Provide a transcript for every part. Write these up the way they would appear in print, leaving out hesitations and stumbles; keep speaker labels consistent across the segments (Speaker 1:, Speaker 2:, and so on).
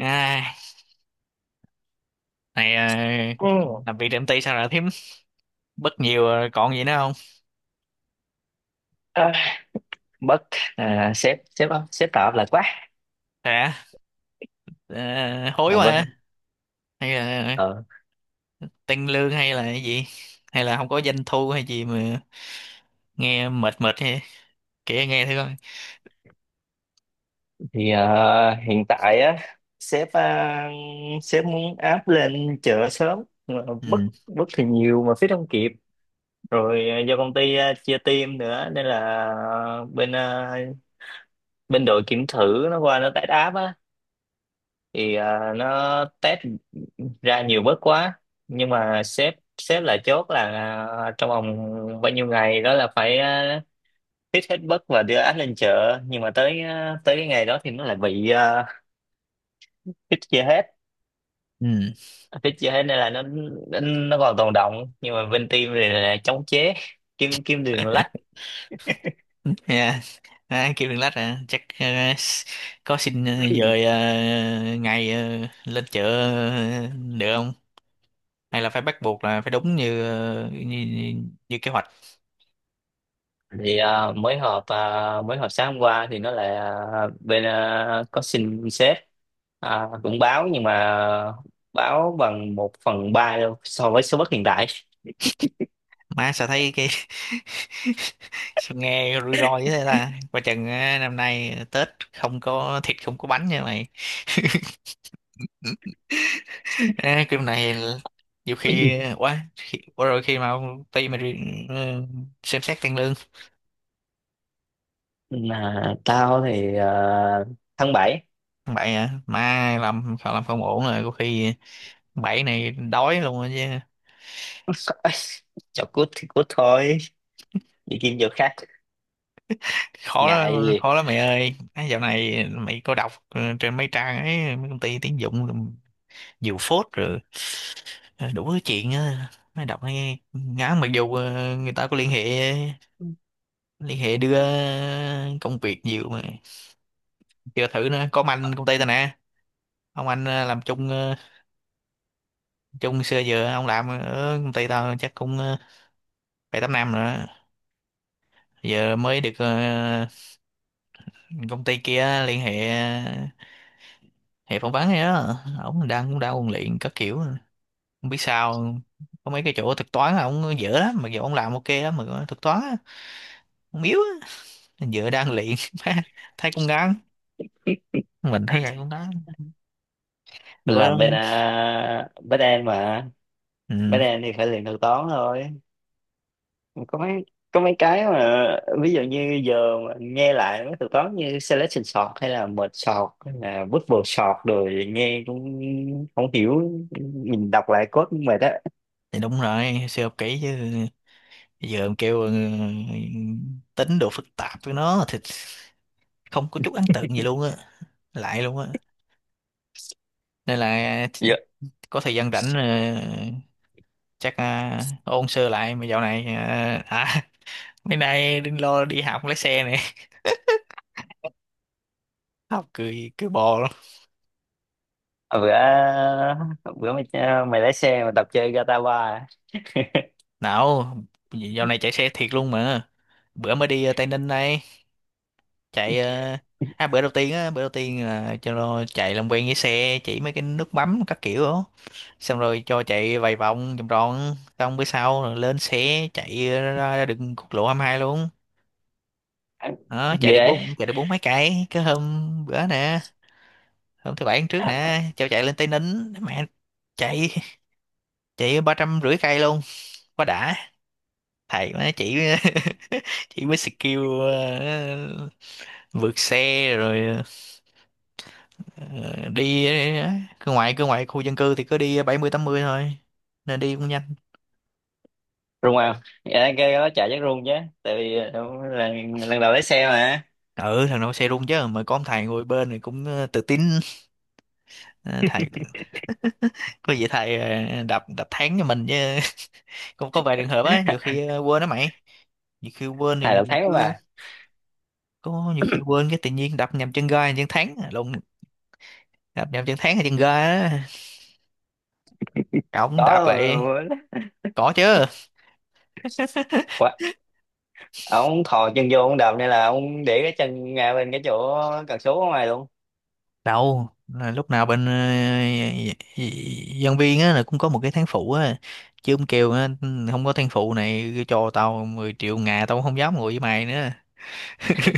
Speaker 1: À, này,
Speaker 2: Ừ.
Speaker 1: làm việc tại công ty sao lại thím bất nhiều rồi còn gì nữa không?
Speaker 2: À, bất sếp sếp sếp tạo áp lực quá.
Speaker 1: Hả? Ờ, Hối quá hả?
Speaker 2: Vâng.
Speaker 1: Hay là
Speaker 2: ờ,
Speaker 1: tăng lương hay là cái gì? Hay là không có doanh thu hay gì mà nghe mệt mệt, hay kể nghe thử coi.
Speaker 2: Hiện tại á sếp sếp muốn áp lên chợ sớm nhưng mà
Speaker 1: Ừ,
Speaker 2: bất bất thì nhiều mà phía không kịp rồi. Do công ty chia team nữa nên là à, bên à, bên đội kiểm thử nó qua nó test áp á thì nó test ra nhiều bớt quá, nhưng mà sếp sếp là chốt là trong vòng bao nhiêu ngày đó là phải hít hết bất và đưa áp lên chợ, nhưng mà tới cái ngày đó thì nó lại bị hít chưa hết.
Speaker 1: ừ.
Speaker 2: Hít chưa hết nên là nó còn tồn đọng, nhưng mà bên team thì là chống chế kim kim đường lách.
Speaker 1: Yeah. À, kêu đừng lách à, chắc, s- có xin dời ngày lên chợ ờ, được không? Hay là phải bắt buộc là phải đúng như như kế hoạch.
Speaker 2: Thì ờ, mới họp ờ, Mới họp sáng hôm qua thì nó lại có xin sếp cũng báo, nhưng mà báo bằng một phần ba đâu so với số bất hiện tại.
Speaker 1: Má, sao thấy cái, sao nghe rủi ro như thế ta. Coi chừng á, năm nay Tết không có thịt không có bánh nha mày. À, cái này là, nhiều khi quá rồi, khi mà ông ty mà đi, ừ, xem xét tăng lương
Speaker 2: Là tao thì tháng bảy
Speaker 1: bậy, à mai làm không, làm không ổn rồi, có khi bảy này đói luôn rồi chứ.
Speaker 2: chọc cút thì cút thôi, đi kiếm chỗ khác,
Speaker 1: khó
Speaker 2: ngại
Speaker 1: lắm
Speaker 2: gì.
Speaker 1: khó lắm mày ơi, à, dạo này mày có đọc, ừ, trên mấy trang ấy mấy công ty tuyển dụng diều phốt rồi, đủ thứ chuyện á, mới đọc nghe ngán. Mặc dù người ta có liên hệ
Speaker 2: Ừ.
Speaker 1: liên hệ đưa công việc nhiều mà chưa thử nữa. Có ông anh công ty tao nè, ông anh làm chung xưa giờ. Ông làm ở công ty tao chắc cũng bảy tám năm rồi, giờ mới được công ty kia liên hệ, phỏng vấn á. Ông đang, cũng đang ôn luyện các kiểu, không biết sao. Có mấy cái chỗ thực toán là ổng dở lắm, mặc dù ông làm ok lắm, mà thực toán á, ổng yếu á. Giữa đang luyện, má, thấy cũng ngán, mình thấy vậy cũng ngán. Rồi có,
Speaker 2: Làm bên bên em mà,
Speaker 1: ừ,
Speaker 2: bên em thì phải luyện thuật toán thôi. Có mấy có mấy cái mà ví dụ như giờ mà nghe lại mấy thuật toán như selection sort hay là merge sort hay là bubble sort rồi nghe cũng không hiểu, nhìn đọc lại code cũng mệt á.
Speaker 1: thì đúng rồi, siêu học kỹ chứ. Giờ em kêu, ừ, tính độ phức tạp với nó thì không có chút ấn tượng gì luôn á, lại luôn á. Nên là
Speaker 2: Dạ.
Speaker 1: có thời gian rảnh chắc ôn sơ lại. Mà dạo này mấy nay đừng lo, đi học lái xe này. Học cười cười bò luôn.
Speaker 2: bữa bữa mày, mày lái xe mà tập chơi Gatawa.
Speaker 1: Nào, dạo này chạy xe thiệt luôn mà. Bữa mới đi Tây Ninh đây. Chạy à, bữa đầu tiên á, bữa đầu tiên là cho nó chạy làm quen với xe, chỉ mấy cái nút bấm các kiểu đó. Xong rồi cho chạy vài vòng vòng tròn. Xong bữa sau rồi lên xe chạy ra, ra đường quốc lộ 22 luôn đó. Chạy
Speaker 2: Ghê
Speaker 1: được
Speaker 2: ấy.
Speaker 1: bốn mấy cây cái hôm bữa nè. Hôm thứ bảy hôm trước nè cho chạy lên Tây Ninh. Mẹ, chạy, chạy 350 cây luôn, quá đã. Thầy má chỉ, chỉ mới skill vượt xe rồi. Ờ, Ờ, đi ờ, cứ ngoại khu dân cư thì cứ đi 70 80 thôi, nên đi cũng nhanh.
Speaker 2: Rung à, dạ cái đó chạy chắc rung chứ, tại vì lần đầu lái xe mà.
Speaker 1: Ừ, thằng nào xe rung chứ, mà có ông thầy ngồi bên thì cũng tự tin. Ờ, thầy có gì thầy ờ, đập đập thắng cho mình chứ. Cũng có vài trường hợp á, nhiều khi quên đó mày. Nhiều khi quên
Speaker 2: Thầy
Speaker 1: thì
Speaker 2: đầu tháng
Speaker 1: cứ,
Speaker 2: mà
Speaker 1: có nhiều khi quên, cái tự nhiên đập nhầm chân ga chân thắng lộn. Đập nhầm chân thắng hay chân ga á, cổng
Speaker 2: đó
Speaker 1: đạp lại,
Speaker 2: là-
Speaker 1: có chứ.
Speaker 2: quá, ông thò chân vô ông đạp nên là ông để cái chân ngay bên cái chỗ cần số ở ngoài luôn.
Speaker 1: Đâu là lúc nào bên nhân viên á, là cũng có một cái tháng phụ á. Chứ ông kêu á, không có tháng phụ này cho tao 10 triệu ngà tao cũng không dám ngồi với mày nữa.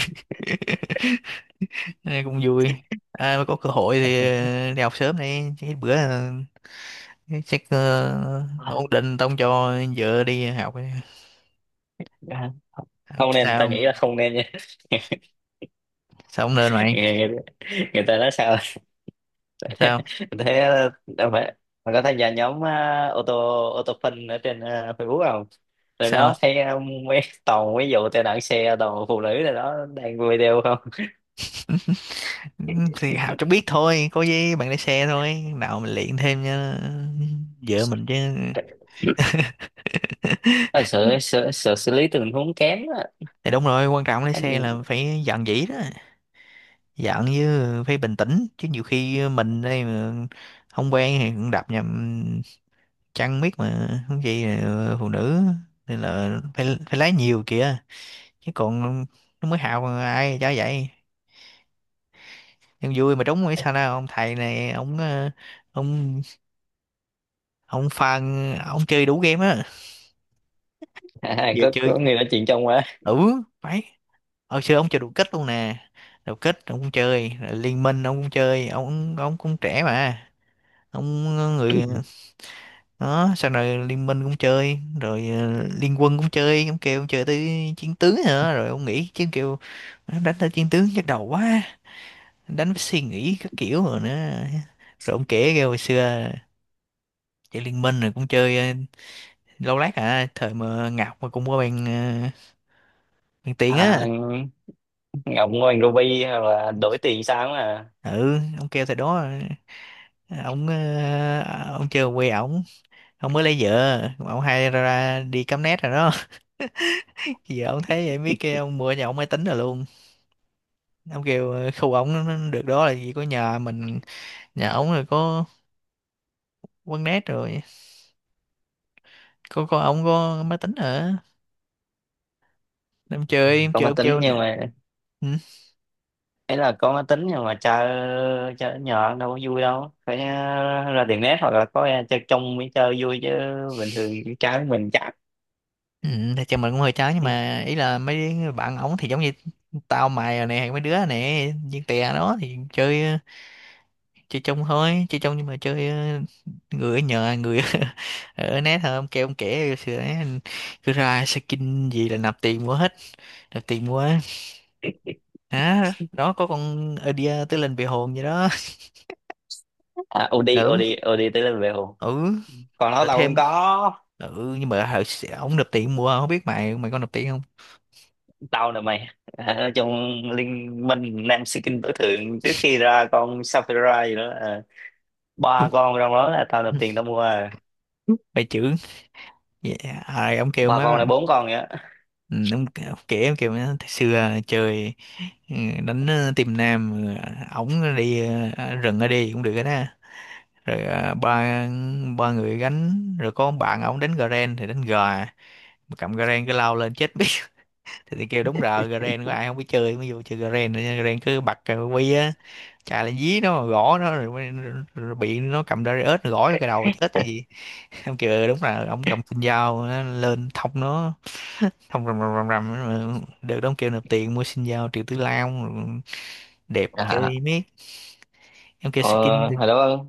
Speaker 1: Nên cũng vui. À, mà có cơ hội thì đi học sớm đi, chứ bữa,
Speaker 2: À,
Speaker 1: ổn định tao không cho vợ đi học.
Speaker 2: dạ. Không nên, ta nghĩ
Speaker 1: Sao?
Speaker 2: là không nên nha.
Speaker 1: Sao không nên mày?
Speaker 2: người, người, người ta nói sao
Speaker 1: Sao
Speaker 2: thế, đâu phải mà có tham gia nhóm ô tô, ô tô phân ở trên Facebook không? Rồi
Speaker 1: sao?
Speaker 2: đó thấy mấy toàn mấy vụ tai nạn xe toàn phụ nữ rồi đó đang video
Speaker 1: Ừ, thì Hào cho biết thôi, có gì bạn lái xe thôi, nào mình luyện thêm cho vợ mình chứ.
Speaker 2: không. À, sợ sợ xử lý tình huống kém á.
Speaker 1: Thì đúng rồi, quan trọng lái xe
Speaker 2: Anh.
Speaker 1: là phải dạn dĩ đó, dạn với phải bình tĩnh. Chứ nhiều khi mình đây mà không quen thì cũng đạp nhầm, chăng biết mà, không gì là phụ nữ. Nên là phải phải lái nhiều kìa, chứ còn nó mới Hào mà ai cho vậy. Nhưng vui mà, trúng hay sao nào. Ông thầy này ông, ông ông phan, ông chơi đủ game á.
Speaker 2: à,
Speaker 1: Vừa
Speaker 2: có
Speaker 1: chơi,
Speaker 2: có người nói chuyện trong quá.
Speaker 1: ừ phải, hồi xưa ông chơi đủ kích luôn nè. Đủ kích ông cũng chơi, rồi liên minh ông cũng chơi. Ông cũng trẻ mà. Ông, người đó, sau này liên minh cũng chơi rồi liên quân cũng chơi. Ông kêu ông chơi tới chiến tướng nữa, rồi ông nghĩ chứ, kêu đánh tới chiến tướng nhức đầu quá, đánh với suy nghĩ các kiểu rồi nữa. Rồi ông kể kêu hồi xưa chơi liên minh rồi cũng chơi lâu lát à, thời mà Ngọc mà cũng có bàn tiền
Speaker 2: À,
Speaker 1: á.
Speaker 2: Ngọc Ngoan Ruby là đổi tiền sáng mà.
Speaker 1: Ừ, ông kêu thời đó, Ông ông chưa quê ổng, ông mới lấy vợ ông hay ra, ra đi cắm nét rồi đó. Giờ ông thấy vậy biết, kêu ông mua nhà ông máy tính rồi luôn. Ông kêu khu ổng nó được đó là gì, có nhà mình, nhà ổng rồi, có quán nét rồi, có ổng có máy tính ở, em
Speaker 2: Có
Speaker 1: chơi
Speaker 2: máy
Speaker 1: ông
Speaker 2: tính
Speaker 1: kêu.
Speaker 2: nhưng mà,
Speaker 1: Ừ.
Speaker 2: ấy là có máy tính nhưng mà chơi chơi nhỏ đâu có vui, đâu phải ra tiệm net hoặc là có ra chơi trong mới chơi vui chứ, bình thường trái mình chắc.
Speaker 1: Ừ, thì chồng mình cũng hơi chán, nhưng mà ý là mấy bạn ổng thì giống như tao mày rồi nè, mấy đứa nè viên tè đó thì chơi, chơi chung thôi. Chơi chung nhưng mà chơi người ở nhờ người ở net thôi. Ông kêu ông kể sửa, cứ ra skin gì là nạp tiền mua hết, nạp tiền mua á. Đó, đó có con idea tới lên về hồn vậy đó.
Speaker 2: À, OD.
Speaker 1: Ừ,
Speaker 2: OD OD tới level,
Speaker 1: ừ,
Speaker 2: còn nó
Speaker 1: rồi
Speaker 2: tao cũng
Speaker 1: thêm,
Speaker 2: có.
Speaker 1: ừ. Nhưng mà hồi xưa ông nộp tiền mua, không biết mày, có nộp tiền không.
Speaker 2: Tao nè mày, à ở trong liên minh nam sĩ tối thượng trước khi ra con Sapphire gì đó à. Ba con trong đó là tao nộp tiền tao mua à.
Speaker 1: Mày chữ, yeah. Rồi ông kêu
Speaker 2: Ba con
Speaker 1: má,
Speaker 2: là bốn con vậy á.
Speaker 1: ừ, ông kể ông kêu má "Thời xưa chơi, ừ, đánh team nam ổng đi rừng ở đi cũng được đó. Rồi à, ba ba người gánh, rồi có ông bạn ổng đánh Garen thì đánh gà, mà cầm Garen cứ lao lên chết biết. Thì kêu đúng rồi, Garen có ai không biết chơi mới vô chơi Garen nữa nha. Garen cứ bật cái quy á, chà lên dí nó gõ nó, rồi bị nó cầm Darius nó gõ vô cái đầu chết cái gì. Ông kêu "Ừ, đúng là ông cầm sinh dao nó lên thông nó, thông rầm rầm rầm rầm, rồi được đó. Ông kêu nộp tiền mua sinh dao Triệu Tử Long rồi đẹp
Speaker 2: à,
Speaker 1: chơi miết. Em kêu skin
Speaker 2: ờ,
Speaker 1: được.
Speaker 2: Hồi đó,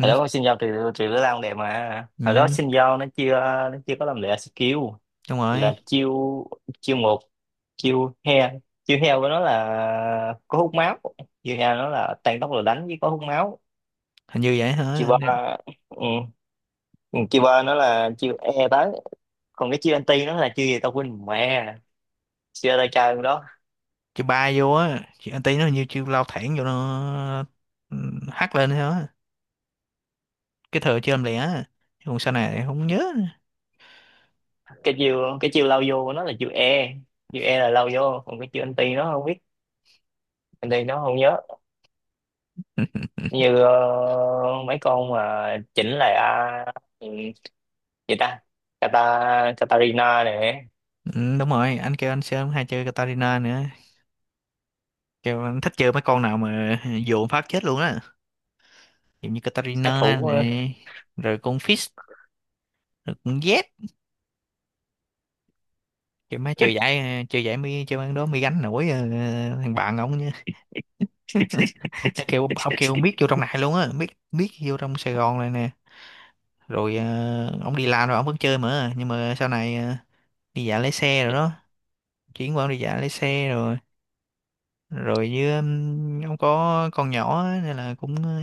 Speaker 2: hồi đó con xin giao trừ trừ đứa lao đẹp, mà hồi đó
Speaker 1: ừ,
Speaker 2: xin giao nó chưa, nó chưa có làm lệ skill.
Speaker 1: đúng rồi,
Speaker 2: Là chiêu chiêu một, chiêu heo. Chiêu heo của nó là có hút máu, chiêu heo nó là tăng tốc rồi đánh với có hút máu.
Speaker 1: hình như vậy
Speaker 2: Chiêu
Speaker 1: hả.
Speaker 2: ba, ừ, chiêu ba nó là chiêu e tới, còn cái chiêu anti nó là chiêu gì tao quên mẹ, chưa đại chơi đó.
Speaker 1: Chị bay vô á, chị anh tí nó như chiêu lao thẳng vô nó, ừ, hắt lên thôi á. Cái thừa chơi làm lẻ á. Chứ còn sau này thì không nhớ nữa.
Speaker 2: Cái chiều lao vô của nó là chiều e, chiều e là lao vô, còn cái chiều anti nó không biết, anti nó không nhớ. Như mấy con mà chỉnh lại ừ, gì ta, Kata, Katarina này,
Speaker 1: Ừ, đúng rồi, anh kêu anh sớm hay chơi Katarina nữa, kêu anh thích chơi mấy con nào mà dồn phát chết luôn á, giống như
Speaker 2: sát
Speaker 1: Katarina
Speaker 2: thủ.
Speaker 1: này, rồi con Fizz, rồi con Z. Kêu má chơi giải, chơi giải mi chơi ăn đó, mi gánh nổi thằng bạn ông nhá. Nó kêu ông kêu biết vô trong này luôn á, biết, biết vô trong Sài Gòn này nè. Rồi ông đi làm rồi ông vẫn chơi mà, nhưng mà sau này đi dạo lái xe rồi đó, chuyển qua đi dạo lái xe rồi. Rồi với ông có con nhỏ á, nên là cũng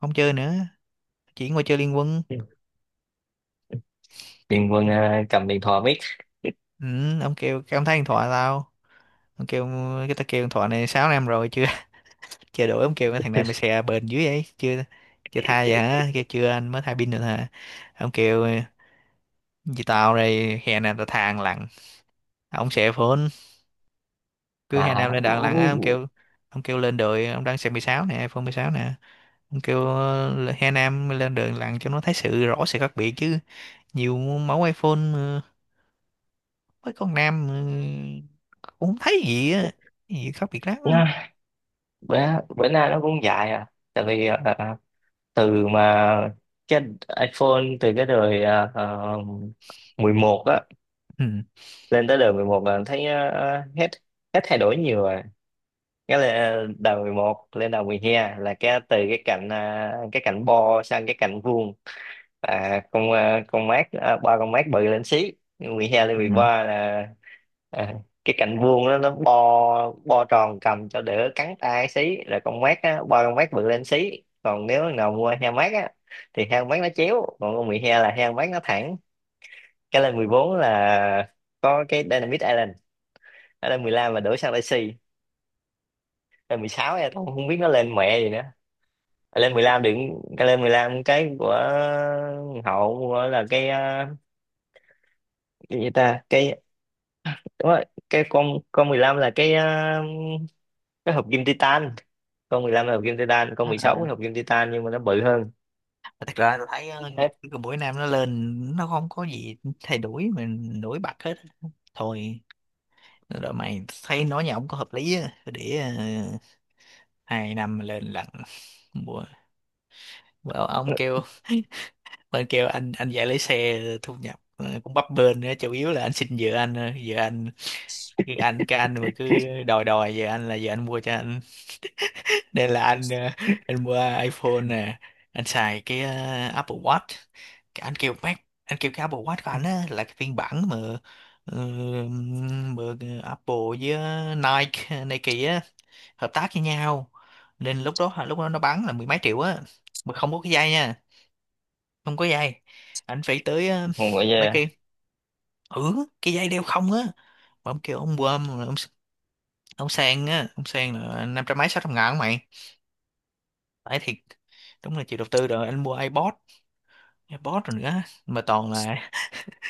Speaker 1: không chơi nữa, chuyển qua chơi Liên Quân.
Speaker 2: Điền Quân cầm điện thoại biết.
Speaker 1: Ừ, ông kêu cái ông thấy điện thoại tao, ông kêu cái, tao kêu điện thoại này 6 năm rồi chưa, chưa đổi. Ông kêu cái thằng này mày xè bền dưới ấy chưa, chưa thay vậy hả, kêu chưa, anh mới thay pin được hả. Ông kêu vì tao đây hè nào tao thang lặn, ông xè phone, cứ hè nào
Speaker 2: à,
Speaker 1: lên đạn lặn á. Ông kêu, ông kêu lên đồi ông đang xem 16 nè, iPhone 16 nè, kêu Hà Nam lên đường lặn cho nó thấy sự rõ sự khác biệt chứ. Nhiều mẫu iPhone mấy con nam cũng không thấy gì á, gì khác biệt lắm á.
Speaker 2: nha, bữa bữa nay nó cũng dại à, tại vì ờ, từ mà cái iPhone từ cái đời 11 á,
Speaker 1: Ừ.
Speaker 2: lên tới đầu 11 là thấy hết, hết thay đổi nhiều rồi. Cái là đầu 11 lên đầu 12 là cái từ cái cạnh cái cạnh bo sang cái cạnh vuông. Con con mát, ba con mát bự lên xí. Mười hai lên mười
Speaker 1: Ừ.
Speaker 2: ba là ờ, cái cạnh vuông đó nó bo bo tròn cầm cho đỡ cắn tay xí, rồi con mát á, ba con mát bự lên xí. Còn nếu thằng nào mua heo mát á thì heo mát nó chéo, còn con 12 là heo mát nó thẳng. Cái lên 14 là có cái Dynamite Island. Nó lên 15 mà đổ sang Messi, lên 16 em cũng không biết nó lên mẹ gì nữa. Ờ, lên 15 đừng, cái lên 15 cái của hậu của là cái cái gì ta, cái đúng rồi, cái con 15 là cái cái hộp kim titan. Con 15 là hộp kim titan, con 16
Speaker 1: À,
Speaker 2: là hộp kim titan nhưng mà nó bự hơn.
Speaker 1: thật ra tôi thấy
Speaker 2: Hết.
Speaker 1: cái buổi nam nó lên nó không có gì thay đổi mình nổi bật hết thôi. Rồi mày thấy nói nhà ông có hợp lý á, để 2 năm lên lần. bữa, bữa ông kêu bên kêu anh dạy lấy xe thu nhập cũng bấp bênh nữa, chủ yếu là anh xin vợ anh, cái anh mà cứ đòi đòi vợ anh, là vợ anh mua cho anh. Nên là anh anh mua iPhone nè, anh xài cái Apple Watch. Cái anh kêu Mac, anh kêu cái Apple Watch của anh á là cái phiên bản mà ờ, Apple với Nike á, hợp tác với nhau. Nên lúc đó nó bán là mười mấy triệu á, mà không có cái dây nha, không có dây. Anh phải tới
Speaker 2: Mọi
Speaker 1: mấy,
Speaker 2: người.
Speaker 1: ừ, cái dây đeo không á. Mà ông kêu ông quơm rồi ông sang á, ông sang là năm trăm mấy sáu trăm ngàn mày, phải thiệt. Đúng là chịu đầu tư, rồi anh mua iPod, iPod rồi nữa, mà toàn là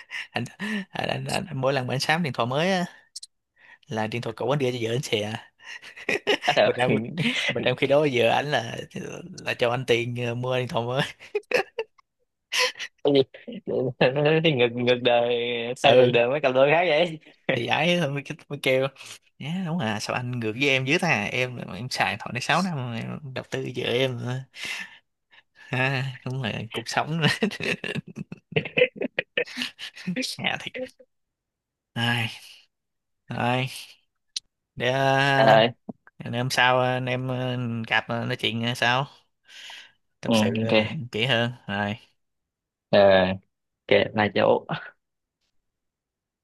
Speaker 1: anh, anh, mỗi lần mà anh sắm điện thoại mới á, là điện thoại cũ anh đưa cho vợ anh xè.
Speaker 2: À,
Speaker 1: mà
Speaker 2: được.
Speaker 1: trong mà trong khi đó vợ anh là cho anh tiền mua điện thoại mới.
Speaker 2: Cái gì? Nó thì ngược, ngược đời, sao
Speaker 1: Ừ,
Speaker 2: ngược đời mấy cặp đôi khác vậy.
Speaker 1: thì ấy thôi, mới kêu nhá, đúng, à sao anh ngược với em dữ ta, em xài điện thoại này 6 năm rồi, em đầu tư vợ em. Ha đúng là cuộc sống, nhà thiệt ai. Rồi, để
Speaker 2: à,
Speaker 1: để hôm sau anh em gặp nói chuyện sau, tâm
Speaker 2: ừ,
Speaker 1: sự
Speaker 2: ok.
Speaker 1: kỹ hơn rồi.
Speaker 2: Ờ, ok là chỗ